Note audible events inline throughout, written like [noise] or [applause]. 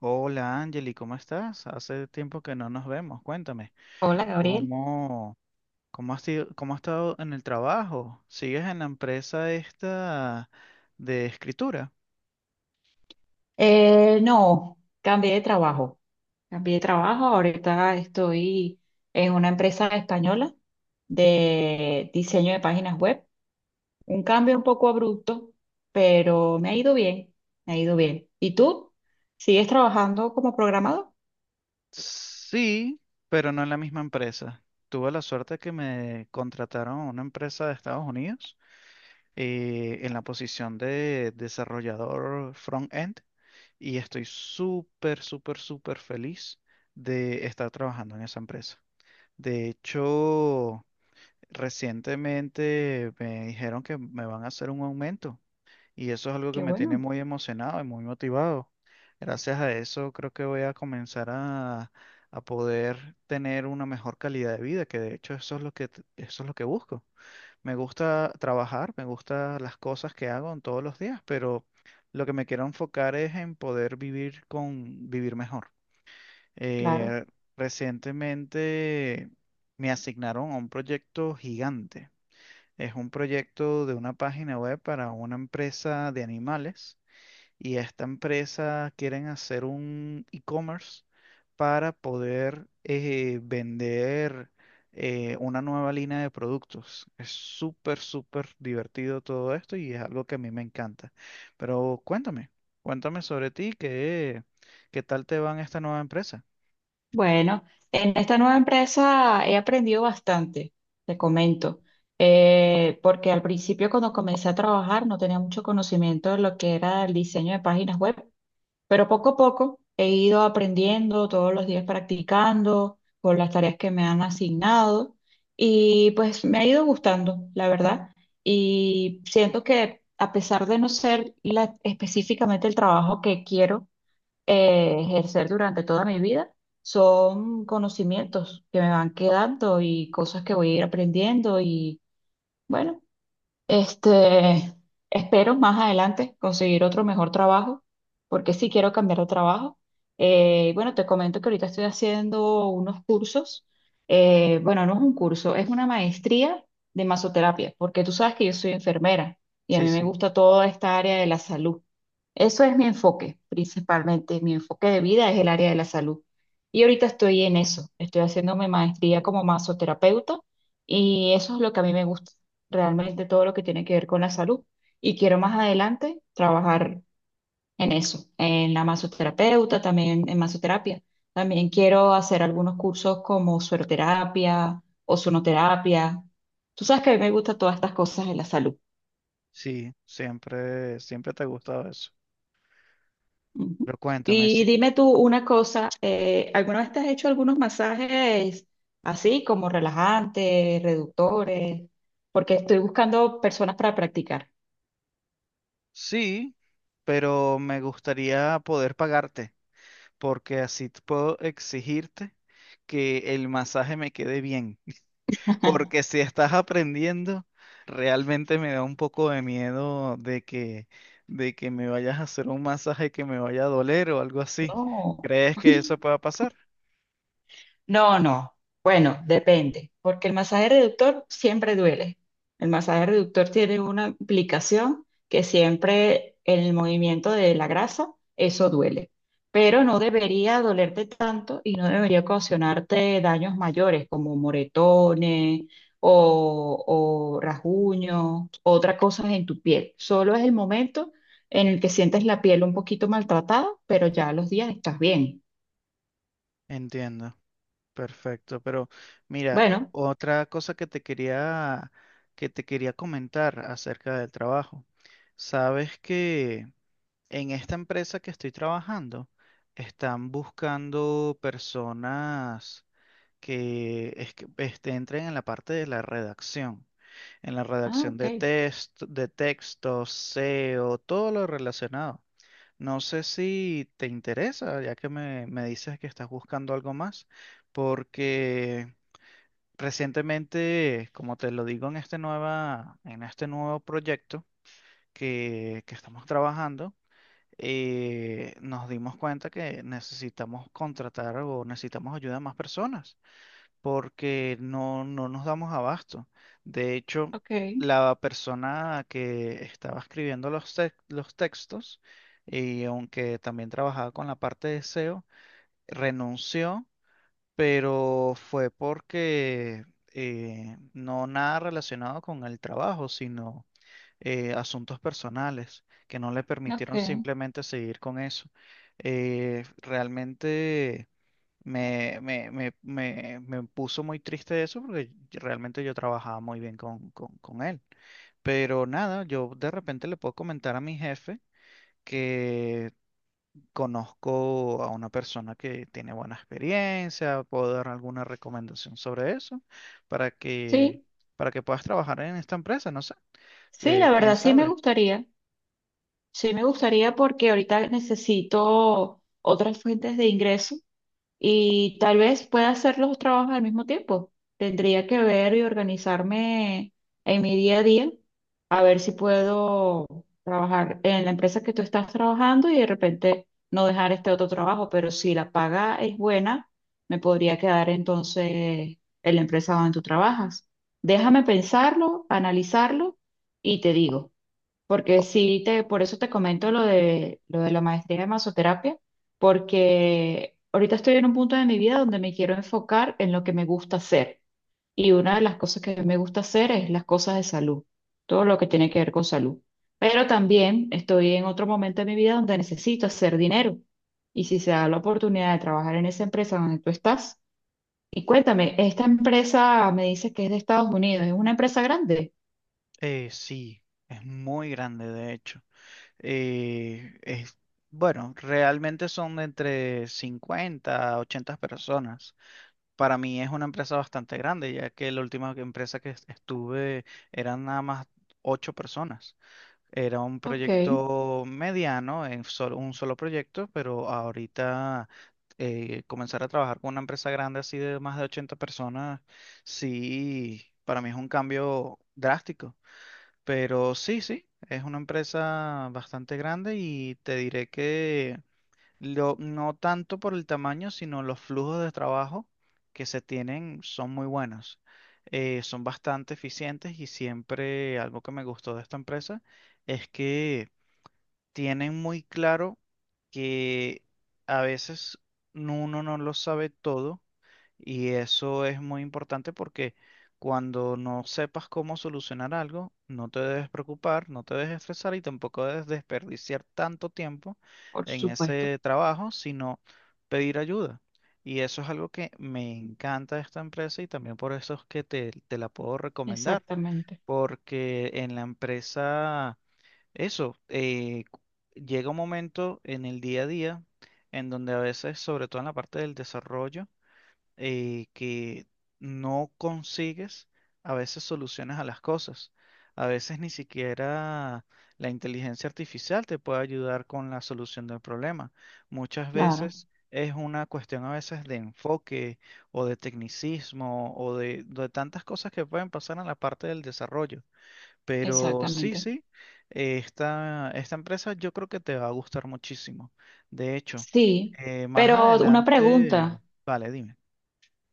Hola Angeli, ¿cómo estás? Hace tiempo que no nos vemos. Cuéntame, Hola, Gabriel. ¿cómo, cómo has estado en el trabajo? ¿Sigues en la empresa esta de escritura? No, cambié de trabajo. Cambié de trabajo. Ahorita estoy en una empresa española de diseño de páginas web. Un cambio un poco abrupto, pero me ha ido bien. Me ha ido bien. ¿Y tú? ¿Sigues trabajando como programador? Sí, pero no en la misma empresa. Tuve la suerte que me contrataron a una empresa de Estados Unidos en la posición de desarrollador front-end y estoy súper, súper, súper feliz de estar trabajando en esa empresa. De hecho, recientemente me dijeron que me van a hacer un aumento y eso es algo que Qué me tiene bueno, muy emocionado y muy motivado. Gracias a eso creo que voy a comenzar a poder tener una mejor calidad de vida, que de hecho eso es lo que, eso es lo que busco. Me gusta trabajar, me gustan las cosas que hago en todos los días, pero lo que me quiero enfocar es en poder vivir vivir mejor. claro. Eh, Recientemente me asignaron a un proyecto gigante, es un proyecto de una página web para una empresa de animales y esta empresa quieren hacer un e-commerce para poder vender una nueva línea de productos. Es súper, súper divertido todo esto y es algo que a mí me encanta. Pero cuéntame, cuéntame sobre ti, ¿ qué tal te va en esta nueva empresa? Bueno, en esta nueva empresa he aprendido bastante, te comento. Porque al principio cuando comencé a trabajar no tenía mucho conocimiento de lo que era el diseño de páginas web, pero poco a poco he ido aprendiendo, todos los días practicando con las tareas que me han asignado, y pues me ha ido gustando, la verdad, y siento que a pesar de no ser específicamente el trabajo que quiero ejercer durante toda mi vida, son conocimientos que me van quedando y cosas que voy a ir aprendiendo y bueno. Este, espero más adelante conseguir otro mejor trabajo, porque sí quiero cambiar de trabajo. Bueno, te comento que ahorita estoy haciendo unos cursos. Bueno, no es un curso, es una maestría de masoterapia, porque tú sabes que yo soy enfermera y a Sí, mí me sí, gusta toda esta área de la salud. Eso es mi enfoque, principalmente. Mi enfoque de vida es el área de la salud. Y ahorita estoy en eso. Estoy haciéndome maestría como masoterapeuta, y eso es lo que a mí me gusta realmente, todo lo que tiene que ver con la salud. Y quiero más adelante trabajar en eso, en la masoterapeuta, también en masoterapia. También quiero hacer algunos cursos como sueroterapia o sonoterapia. Tú sabes que a mí me gustan todas estas cosas de la salud. sí, siempre, siempre te ha gustado eso. Ujú. Pero cuéntame, sí. Y dime tú una cosa, ¿alguna vez te has hecho algunos masajes así como relajantes, reductores? Porque estoy buscando personas para practicar. Sí, pero me gustaría poder pagarte, porque así puedo exigirte que el masaje me quede bien. [laughs] Porque [laughs] si estás aprendiendo, realmente me da un poco de miedo de que me vayas a hacer un masaje que me vaya a doler o algo así. No. ¿Crees que eso pueda pasar? No, no. Bueno, depende, porque el masaje reductor siempre duele. El masaje reductor tiene una implicación que siempre en el movimiento de la grasa, eso duele. Pero no debería dolerte tanto y no debería ocasionarte daños mayores como moretones o, o rasguños, otras cosas en tu piel. Solo es el momento en el que sientes la piel un poquito maltratada, pero ya a los días estás bien. Entiendo, perfecto. Pero mira, Bueno, otra cosa que te quería comentar acerca del trabajo. Sabes que en esta empresa que estoy trabajando, están buscando personas que entren en la parte de la redacción, en la ah, redacción ok, de test, de textos, SEO, todo lo relacionado. No sé si te interesa, ya que me dices que estás buscando algo más, porque recientemente, como te lo digo en en este nuevo proyecto que estamos trabajando, nos dimos cuenta que necesitamos contratar o necesitamos ayuda a más personas porque no nos damos abasto. De hecho, ok. la persona que estaba escribiendo los textos y aunque también trabajaba con la parte de SEO, renunció, pero fue porque no, nada relacionado con el trabajo, sino asuntos personales que no le permitieron Okay. simplemente seguir con eso. Realmente me puso muy triste eso porque realmente yo trabajaba muy bien con él. Pero nada, yo de repente le puedo comentar a mi jefe que conozco a una persona que tiene buena experiencia, puedo dar alguna recomendación sobre eso para que, Sí, para que puedas trabajar en esta empresa, no sé, sí, la quién verdad sí me sabe. gustaría. Sí me gustaría porque ahorita necesito otras fuentes de ingreso. Y tal vez pueda hacer los dos trabajos al mismo tiempo. Tendría que ver y organizarme en mi día a día, a ver si puedo trabajar en la empresa que tú estás trabajando y de repente no dejar este otro trabajo, pero si la paga es buena, me podría quedar entonces en la empresa donde tú trabajas. Déjame pensarlo, analizarlo y te digo. Porque por eso te comento lo de la maestría de masoterapia, porque ahorita estoy en un punto de mi vida donde me quiero enfocar en lo que me gusta hacer. Y una de las cosas que me gusta hacer es las cosas de salud, todo lo que tiene que ver con salud. Pero también estoy en otro momento de mi vida donde necesito hacer dinero. Y si se da la oportunidad de trabajar en esa empresa donde tú estás, y cuéntame, esta empresa me dice que es de Estados Unidos, ¿es una empresa grande? Sí, es muy grande de hecho. Eh, es, bueno, realmente son de entre 50 a 80 personas. Para mí es una empresa bastante grande, ya que la última empresa que estuve eran nada más 8 personas. Era un Ok, proyecto mediano, un solo proyecto, pero ahorita comenzar a trabajar con una empresa grande así de más de 80 personas, sí, para mí es un cambio drástico. Pero sí, sí, es una empresa bastante grande y te diré que no tanto por el tamaño, sino los flujos de trabajo que se tienen son muy buenos. Son bastante eficientes y siempre algo que me gustó de esta empresa es que tienen muy claro que a veces uno no lo sabe todo, y eso es muy importante porque cuando no sepas cómo solucionar algo, no te debes preocupar, no te debes estresar y tampoco debes desperdiciar tanto tiempo por en supuesto. ese trabajo, sino pedir ayuda. Y eso es algo que me encanta de esta empresa y también por eso es que te la puedo recomendar, Exactamente, porque en la empresa eso, llega un momento en el día a día en donde a veces, sobre todo en la parte del desarrollo, que no consigues a veces soluciones a las cosas. A veces ni siquiera la inteligencia artificial te puede ayudar con la solución del problema. Muchas claro, veces es una cuestión a veces de enfoque o de tecnicismo de tantas cosas que pueden pasar en la parte del desarrollo. Pero sí, exactamente. sí, esta empresa yo creo que te va a gustar muchísimo. De hecho, Sí, más pero una adelante, pregunta. vale, dime.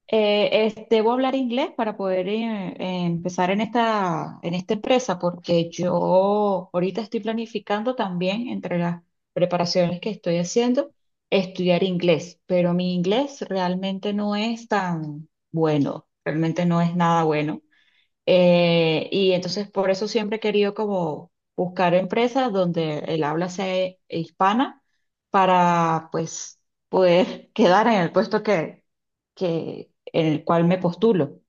¿Debo hablar inglés para poder empezar en en esta empresa? Porque yo ahorita estoy planificando también, entre las preparaciones que estoy haciendo, estudiar inglés, pero mi inglés realmente no es tan bueno, realmente no es nada bueno. Y entonces por eso siempre he querido como buscar empresas donde el habla sea hispana, para pues poder [laughs] quedar en el puesto que en el cual me postulo.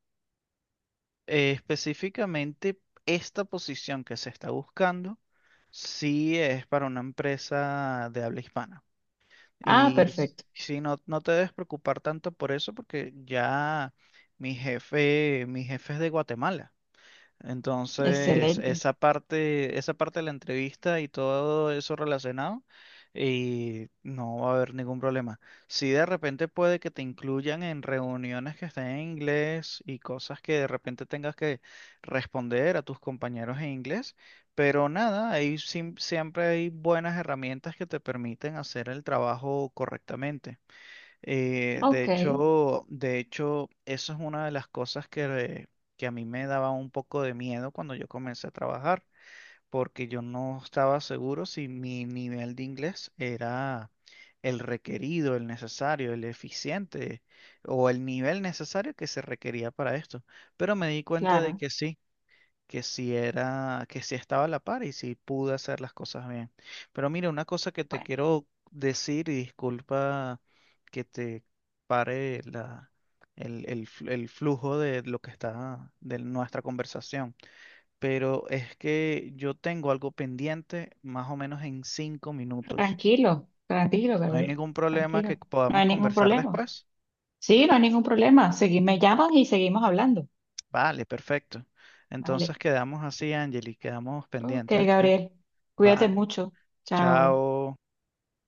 Específicamente, esta posición que se está buscando, sí es para una empresa de habla hispana. Ah, perfecto. Sí, no, no te debes preocupar tanto por eso porque ya mi jefe es de Guatemala. Entonces, Excelente. Esa parte de la entrevista y todo eso relacionado, y no va a haber ningún problema. Si de repente puede que te incluyan en reuniones que estén en inglés y cosas que de repente tengas que responder a tus compañeros en inglés, pero nada, ahí siempre hay buenas herramientas que te permiten hacer el trabajo correctamente. Ok, De hecho, eso es una de las cosas que a mí me daba un poco de miedo cuando yo comencé a trabajar, porque yo no estaba seguro si mi nivel de inglés era el requerido, el necesario, el eficiente o el nivel necesario que se requería para esto. Pero me di cuenta de claro. que sí, que si estaba a la par y si pude hacer las cosas bien. Pero mira, una cosa que te Bueno, quiero decir, y disculpa que te pare la, el fl- el flujo de lo de nuestra conversación, pero es que yo tengo algo pendiente más o menos en 5 minutos. tranquilo, tranquilo, No hay Gabriel, ningún problema que tranquilo. No podamos hay ningún conversar problema. después. Sí, no hay ningún problema. Segui- me llamas y seguimos hablando. Vale, perfecto. Vale. Entonces quedamos así, Angeli, quedamos Ok, pendientes, ¿viste? Gabriel. Cuídate Vale. mucho. Chao. Chao.